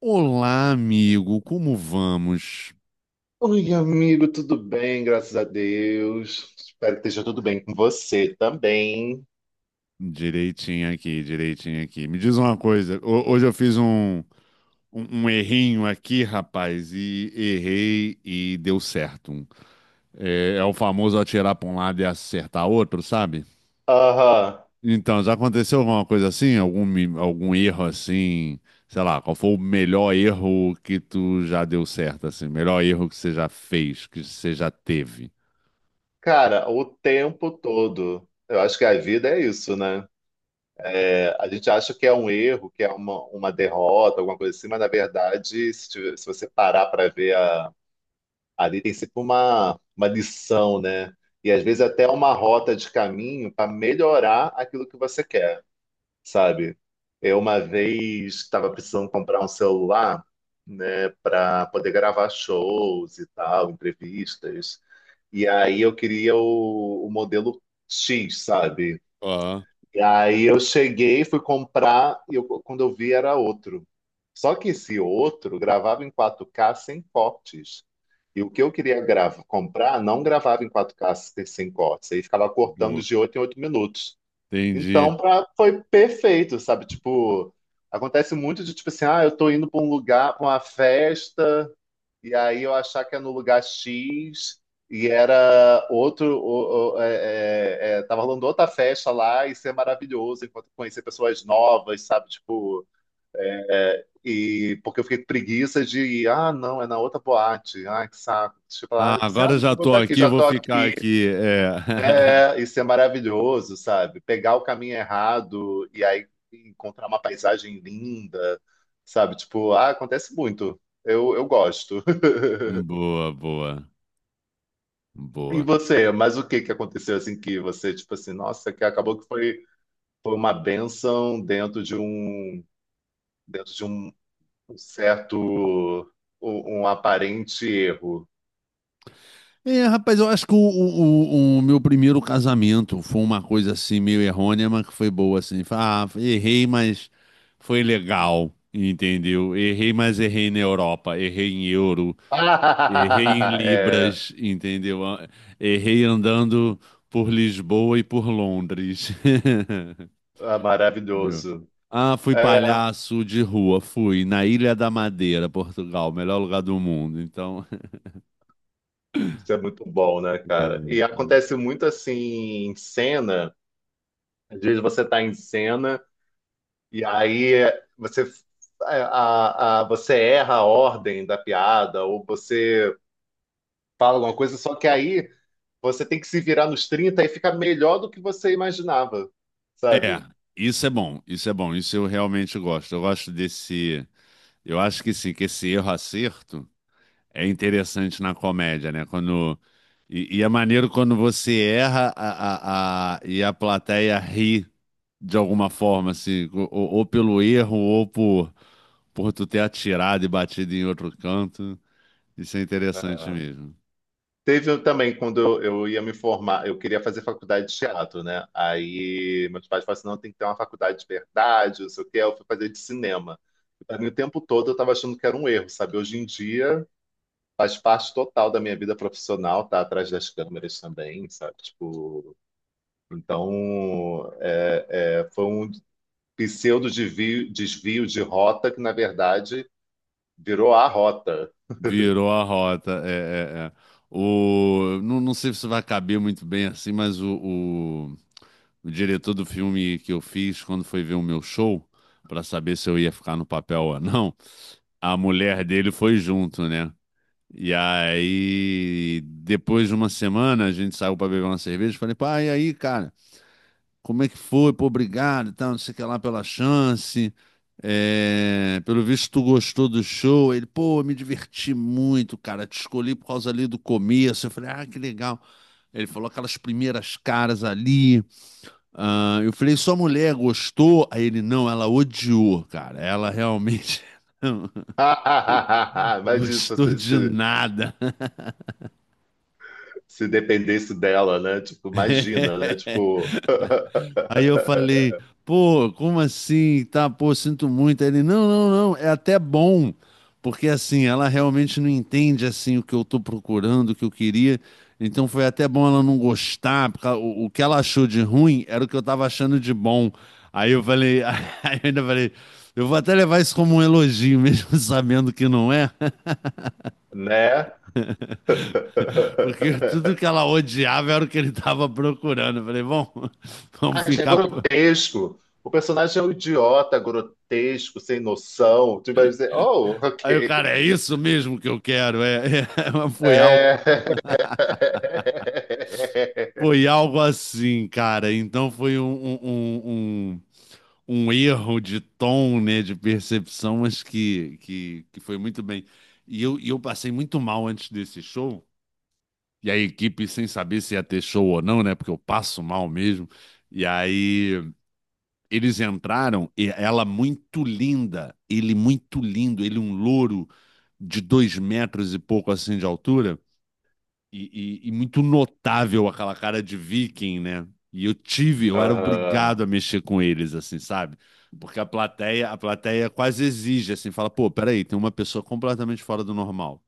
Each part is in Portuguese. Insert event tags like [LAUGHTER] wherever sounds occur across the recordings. Olá, amigo, como vamos? Oi, amigo, tudo bem? Graças a Deus. Espero que esteja tudo bem com você também. Direitinho aqui, direitinho aqui. Me diz uma coisa, hoje eu fiz um errinho aqui, rapaz, e errei e deu certo. É o famoso atirar para um lado e acertar outro, sabe? Aham. Então, já aconteceu alguma coisa assim? Algum erro assim? Sei lá, qual foi o melhor erro que tu já deu certo, assim? Melhor erro que você já fez, que você já teve? Cara, o tempo todo. Eu acho que a vida é isso, né? É, a gente acha que é um erro, que é uma derrota, alguma coisa assim, mas na verdade, se você parar para ver, ali tem sempre uma lição, né? E às vezes até uma rota de caminho para melhorar aquilo que você quer, sabe? Eu uma vez estava precisando comprar um celular, né, para poder gravar shows e tal, entrevistas. E aí eu queria o modelo X, sabe? Ó, E aí eu cheguei, fui comprar e quando eu vi era outro. Só que esse outro gravava em 4K sem cortes. E o que eu queria gravar, comprar não gravava em 4K sem cortes. Aí ficava cortando boa. de 8 em 8 minutos. Entendi. Então, foi perfeito, sabe? Tipo, acontece muito de tipo assim, ah, eu tô indo pra um lugar, pra uma festa, e aí eu achar que é no lugar X, e era outro, tava rolando outra festa lá, e ser maravilhoso, enquanto conhecer pessoas novas, sabe? Tipo, é, e porque eu fiquei com preguiça de ir, ah, não, é na outra boate, ah, que saco. Tipo, lá, Ah, eu pensei, ah, agora não, já vou tô estar aqui, aqui, já vou tô ficar aqui. aqui. É. [LAUGHS] É, isso é maravilhoso, sabe? Pegar o caminho errado e aí encontrar uma paisagem linda, sabe? Tipo, ah, acontece muito. Eu gosto. [LAUGHS] Boa, boa, E boa. você, mas o que que aconteceu assim que você, tipo assim, nossa, que acabou que foi uma bênção dentro de um um certo um aparente erro. É, rapaz, eu acho que o meu primeiro casamento foi uma coisa assim meio errônea, mas que foi boa assim. Ah, errei, mas foi legal, entendeu? Errei, mas errei na Europa, errei em euro, [LAUGHS] errei em Ah, É, Libras, entendeu? Errei andando por Lisboa e por Londres. [LAUGHS] é Entendeu? maravilhoso. Ah, fui É, palhaço de rua, fui na Ilha da Madeira, Portugal, o melhor lugar do mundo. Então, isso é muito bom, né, cara? E [LAUGHS] acontece muito assim em cena. Às vezes você tá em cena e aí você, você erra a ordem da piada ou você fala alguma coisa, só que aí você tem que se virar nos 30 e fica melhor do que você imaginava, é, É, sabe? isso é bom, isso é bom, isso eu realmente gosto. Eu gosto desse, eu acho que sim, que esse erro acerto é interessante na comédia, né? Quando e é maneiro quando você erra e a plateia ri de alguma forma, assim, ou pelo erro ou por tu ter atirado e batido em outro canto. Isso é interessante É. mesmo. Teve um também quando eu ia me formar, eu queria fazer faculdade de teatro, né? Aí meus pais falaram assim, não, tem que ter uma faculdade de verdade, não sei o quê. Eu fui fazer de cinema. Pra mim, o tempo todo eu estava achando que era um erro, sabe? Hoje em dia faz parte total da minha vida profissional, tá atrás das câmeras também, sabe? Tipo, então foi um pseudo desvio de rota que, na verdade, virou a rota. Virou a rota. É, é, é. O, não, não sei se vai caber muito bem assim, mas o o diretor do filme que eu fiz, quando foi ver o meu show para saber se eu ia ficar no papel ou não. A mulher dele foi junto, né? E aí, depois de uma semana, a gente saiu para beber uma cerveja. Falei, pai, e aí, cara, como é que foi? Pô, obrigado, e tal, não sei o que lá pela chance. É, pelo visto, tu gostou do show. Ele, pô, eu me diverti muito, cara. Te escolhi por causa ali do começo. Eu falei, ah, que legal. Ele falou aquelas primeiras caras ali. Ah, eu falei, sua mulher gostou? Aí ele, não, ela odiou, cara. Ela realmente. [LAUGHS] [LAUGHS] Imagina se, Gostou você- de se, nada. se dependesse dela, né? Tipo, imagina, né? [LAUGHS] Tipo, Aí eu falei, [LAUGHS] pô, como assim? Tá, pô, sinto muito. Aí ele, não, não, não, é até bom. Porque assim, ela realmente não entende assim o que eu tô procurando, o que eu queria. Então foi até bom ela não gostar, porque o que ela achou de ruim era o que eu tava achando de bom. Aí eu falei, [LAUGHS] aí eu ainda falei, eu vou até levar isso como um elogio, mesmo [LAUGHS] sabendo que não é. né? Porque tudo [LAUGHS] que ela odiava era o que ele estava procurando. Eu falei, bom, vamos Ah, é ficar. grotesco. O personagem é um idiota, grotesco, sem noção. Tu vai dizer, oh, Aí o ok. cara, é isso mesmo que eu quero. É, é, é, É. [LAUGHS] Foi algo assim, cara. Então foi um, um, um um erro de tom, né, de percepção, mas que foi muito bem. E eu passei muito mal antes desse show. E a equipe, sem saber se ia ter show ou não, né? Porque eu passo mal mesmo. E aí eles entraram, e ela muito linda, ele muito lindo, ele um louro de 2 metros e pouco assim de altura, e muito notável aquela cara de viking, né? E eu tive, eu era Aham, obrigado a mexer com eles, assim, sabe? Porque a plateia quase exige, assim, fala, pô, peraí, tem uma pessoa completamente fora do normal,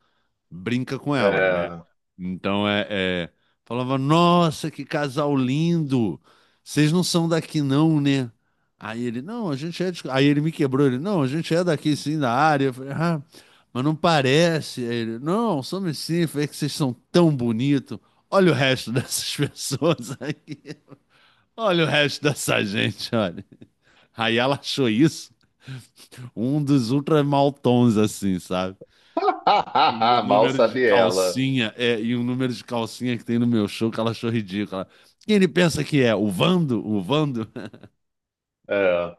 brinca com ela, né? é. Então é, falava, nossa, que casal lindo! Vocês não são daqui, não, né? Aí ele, não, a gente é. Aí ele me quebrou, ele, não, a gente é daqui, sim, da área. Eu falei, ah, mas não parece. Aí ele, não, somos sim. Eu falei: "É que vocês são tão bonitos. Olha o resto dessas [LAUGHS] pessoas aqui. Olha o resto dessa gente, olha." Aí ela achou isso um dos ultra maltons, assim, sabe? E o [LAUGHS] Mal número de sabe ela. calcinha, e o número de calcinha que tem no meu show, que ela achou ridícula. Quem ele pensa que é? O Vando? O Vando? [LAUGHS] É.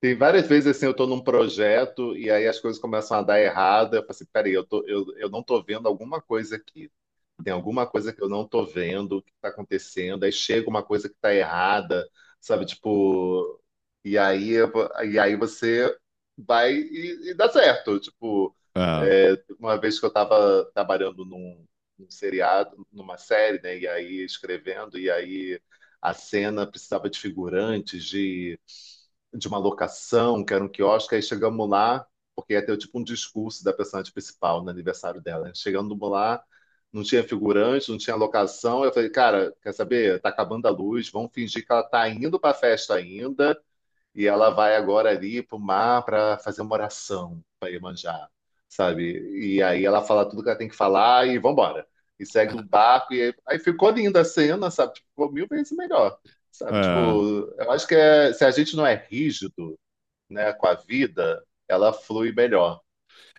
Tem várias vezes assim, eu tô num projeto e aí as coisas começam a dar errado. Eu falo assim, peraí, eu não tô vendo alguma coisa aqui. Tem alguma coisa que eu não tô vendo, que tá acontecendo, aí chega uma coisa que tá errada, sabe? Tipo, e aí, e aí, você vai e dá certo. Tipo, É, uma vez que eu tava trabalhando num seriado, numa série, né? E aí escrevendo, e aí a cena precisava de figurantes, de uma locação, que era um quiosque, aí chegamos lá, porque ia ter tipo um discurso da personagem principal no aniversário dela, né? Chegando lá, não tinha figurante, não tinha locação. Eu falei, cara, quer saber? Tá acabando a luz, vamos fingir que ela tá indo pra festa ainda. E ela vai agora ali pro mar para fazer uma oração para Iemanjá, sabe? E aí ela fala tudo que ela tem que falar e vambora. E segue o barco. E aí, ficou linda a cena, sabe? Tipo, ficou mil vezes melhor, sabe? é. Tipo, eu acho que se a gente não é rígido, né, com a vida, ela flui melhor.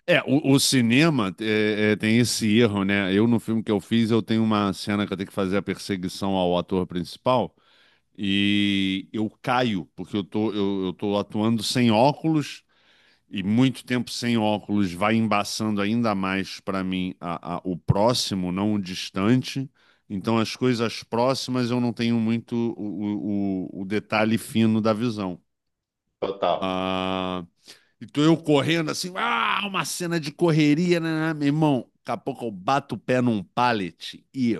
É, o cinema tem esse erro, né? Eu, no filme que eu fiz, eu tenho uma cena que eu tenho que fazer a perseguição ao ator principal, e eu caio, porque eu tô atuando sem óculos, e muito tempo sem óculos vai embaçando ainda mais para mim o próximo, não o distante. Então, as coisas próximas eu não tenho muito o detalhe fino da visão. Total. Ah, então, eu correndo assim, ah, uma cena de correria, né, né, né." Meu irmão? Daqui a pouco eu bato o pé num pallet e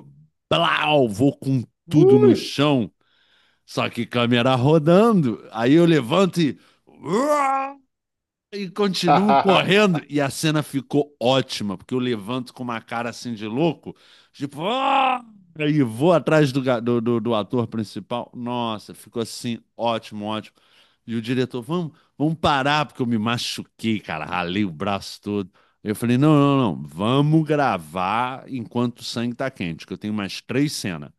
blau, vou com tudo Ui! no chão, só que câmera rodando. Aí eu levanto, e E continuo [LAUGHS] correndo. E a cena ficou ótima, porque eu levanto com uma cara assim de louco, tipo, "Ah!", e vou atrás do, ga- do, do, do ator principal. Nossa, ficou assim, ótimo, ótimo. E o diretor, vamos parar, porque eu me machuquei, cara, ralei o braço todo. Eu falei, não, não, não, vamos gravar enquanto o sangue tá quente, que eu tenho mais 3 cenas.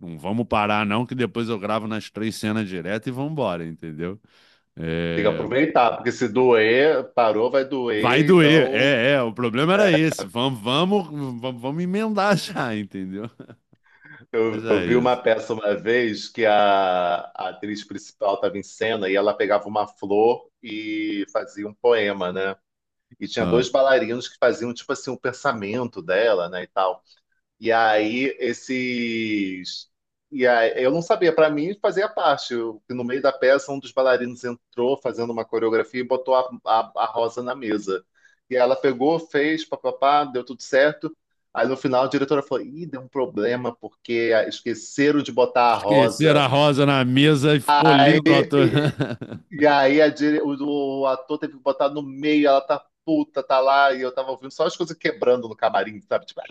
Não vamos parar, não, que depois eu gravo nas 3 cenas direto e vamos embora, entendeu? Tem que É. aproveitar, porque se doer, parou, vai Vai doer, doer. então. É, é, o problema era esse. Vamos, vamos, vamos, vamos emendar já, [LAUGHS] entendeu? Mas Eu é vi uma isso. peça uma vez que a atriz principal estava em cena e ela pegava uma flor e fazia um poema, né? E tinha Ah. dois bailarinos que faziam, tipo assim, o pensamento dela, né, e tal. E aí, esses. E aí, eu não sabia, para mim fazia parte. No meio da peça, um dos bailarinos entrou fazendo uma coreografia e botou a Rosa na mesa. E ela pegou, fez, papapá, deu tudo certo. Aí no final a diretora falou: Ih, deu um problema, porque esqueceram de botar a Esqueceram Rosa. a rosa na mesa e ficou lindo a [LAUGHS] E aí o ator teve que botar no meio, ela tá puta, tá lá, e eu tava ouvindo só as coisas quebrando no camarim, sabe? Tipo,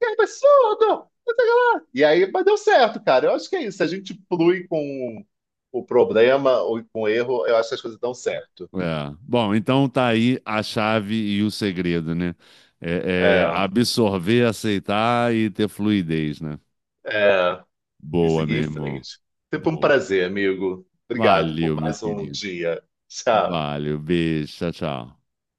que absurdo! Não sei o que lá. E aí, mas deu certo, cara. Eu acho que é isso. Se a gente flui com o problema ou com o erro, eu acho que as coisas dão certo. É. Bom, então tá aí a chave e o segredo, né? É, é É, absorver, aceitar e ter fluidez, né? é, e Boa, meu seguir em irmão. frente. Sempre um Boa. prazer, amigo. Obrigado por Valeu, meu mais um querido. dia. Tchau. Valeu, beijo, tchau, tchau.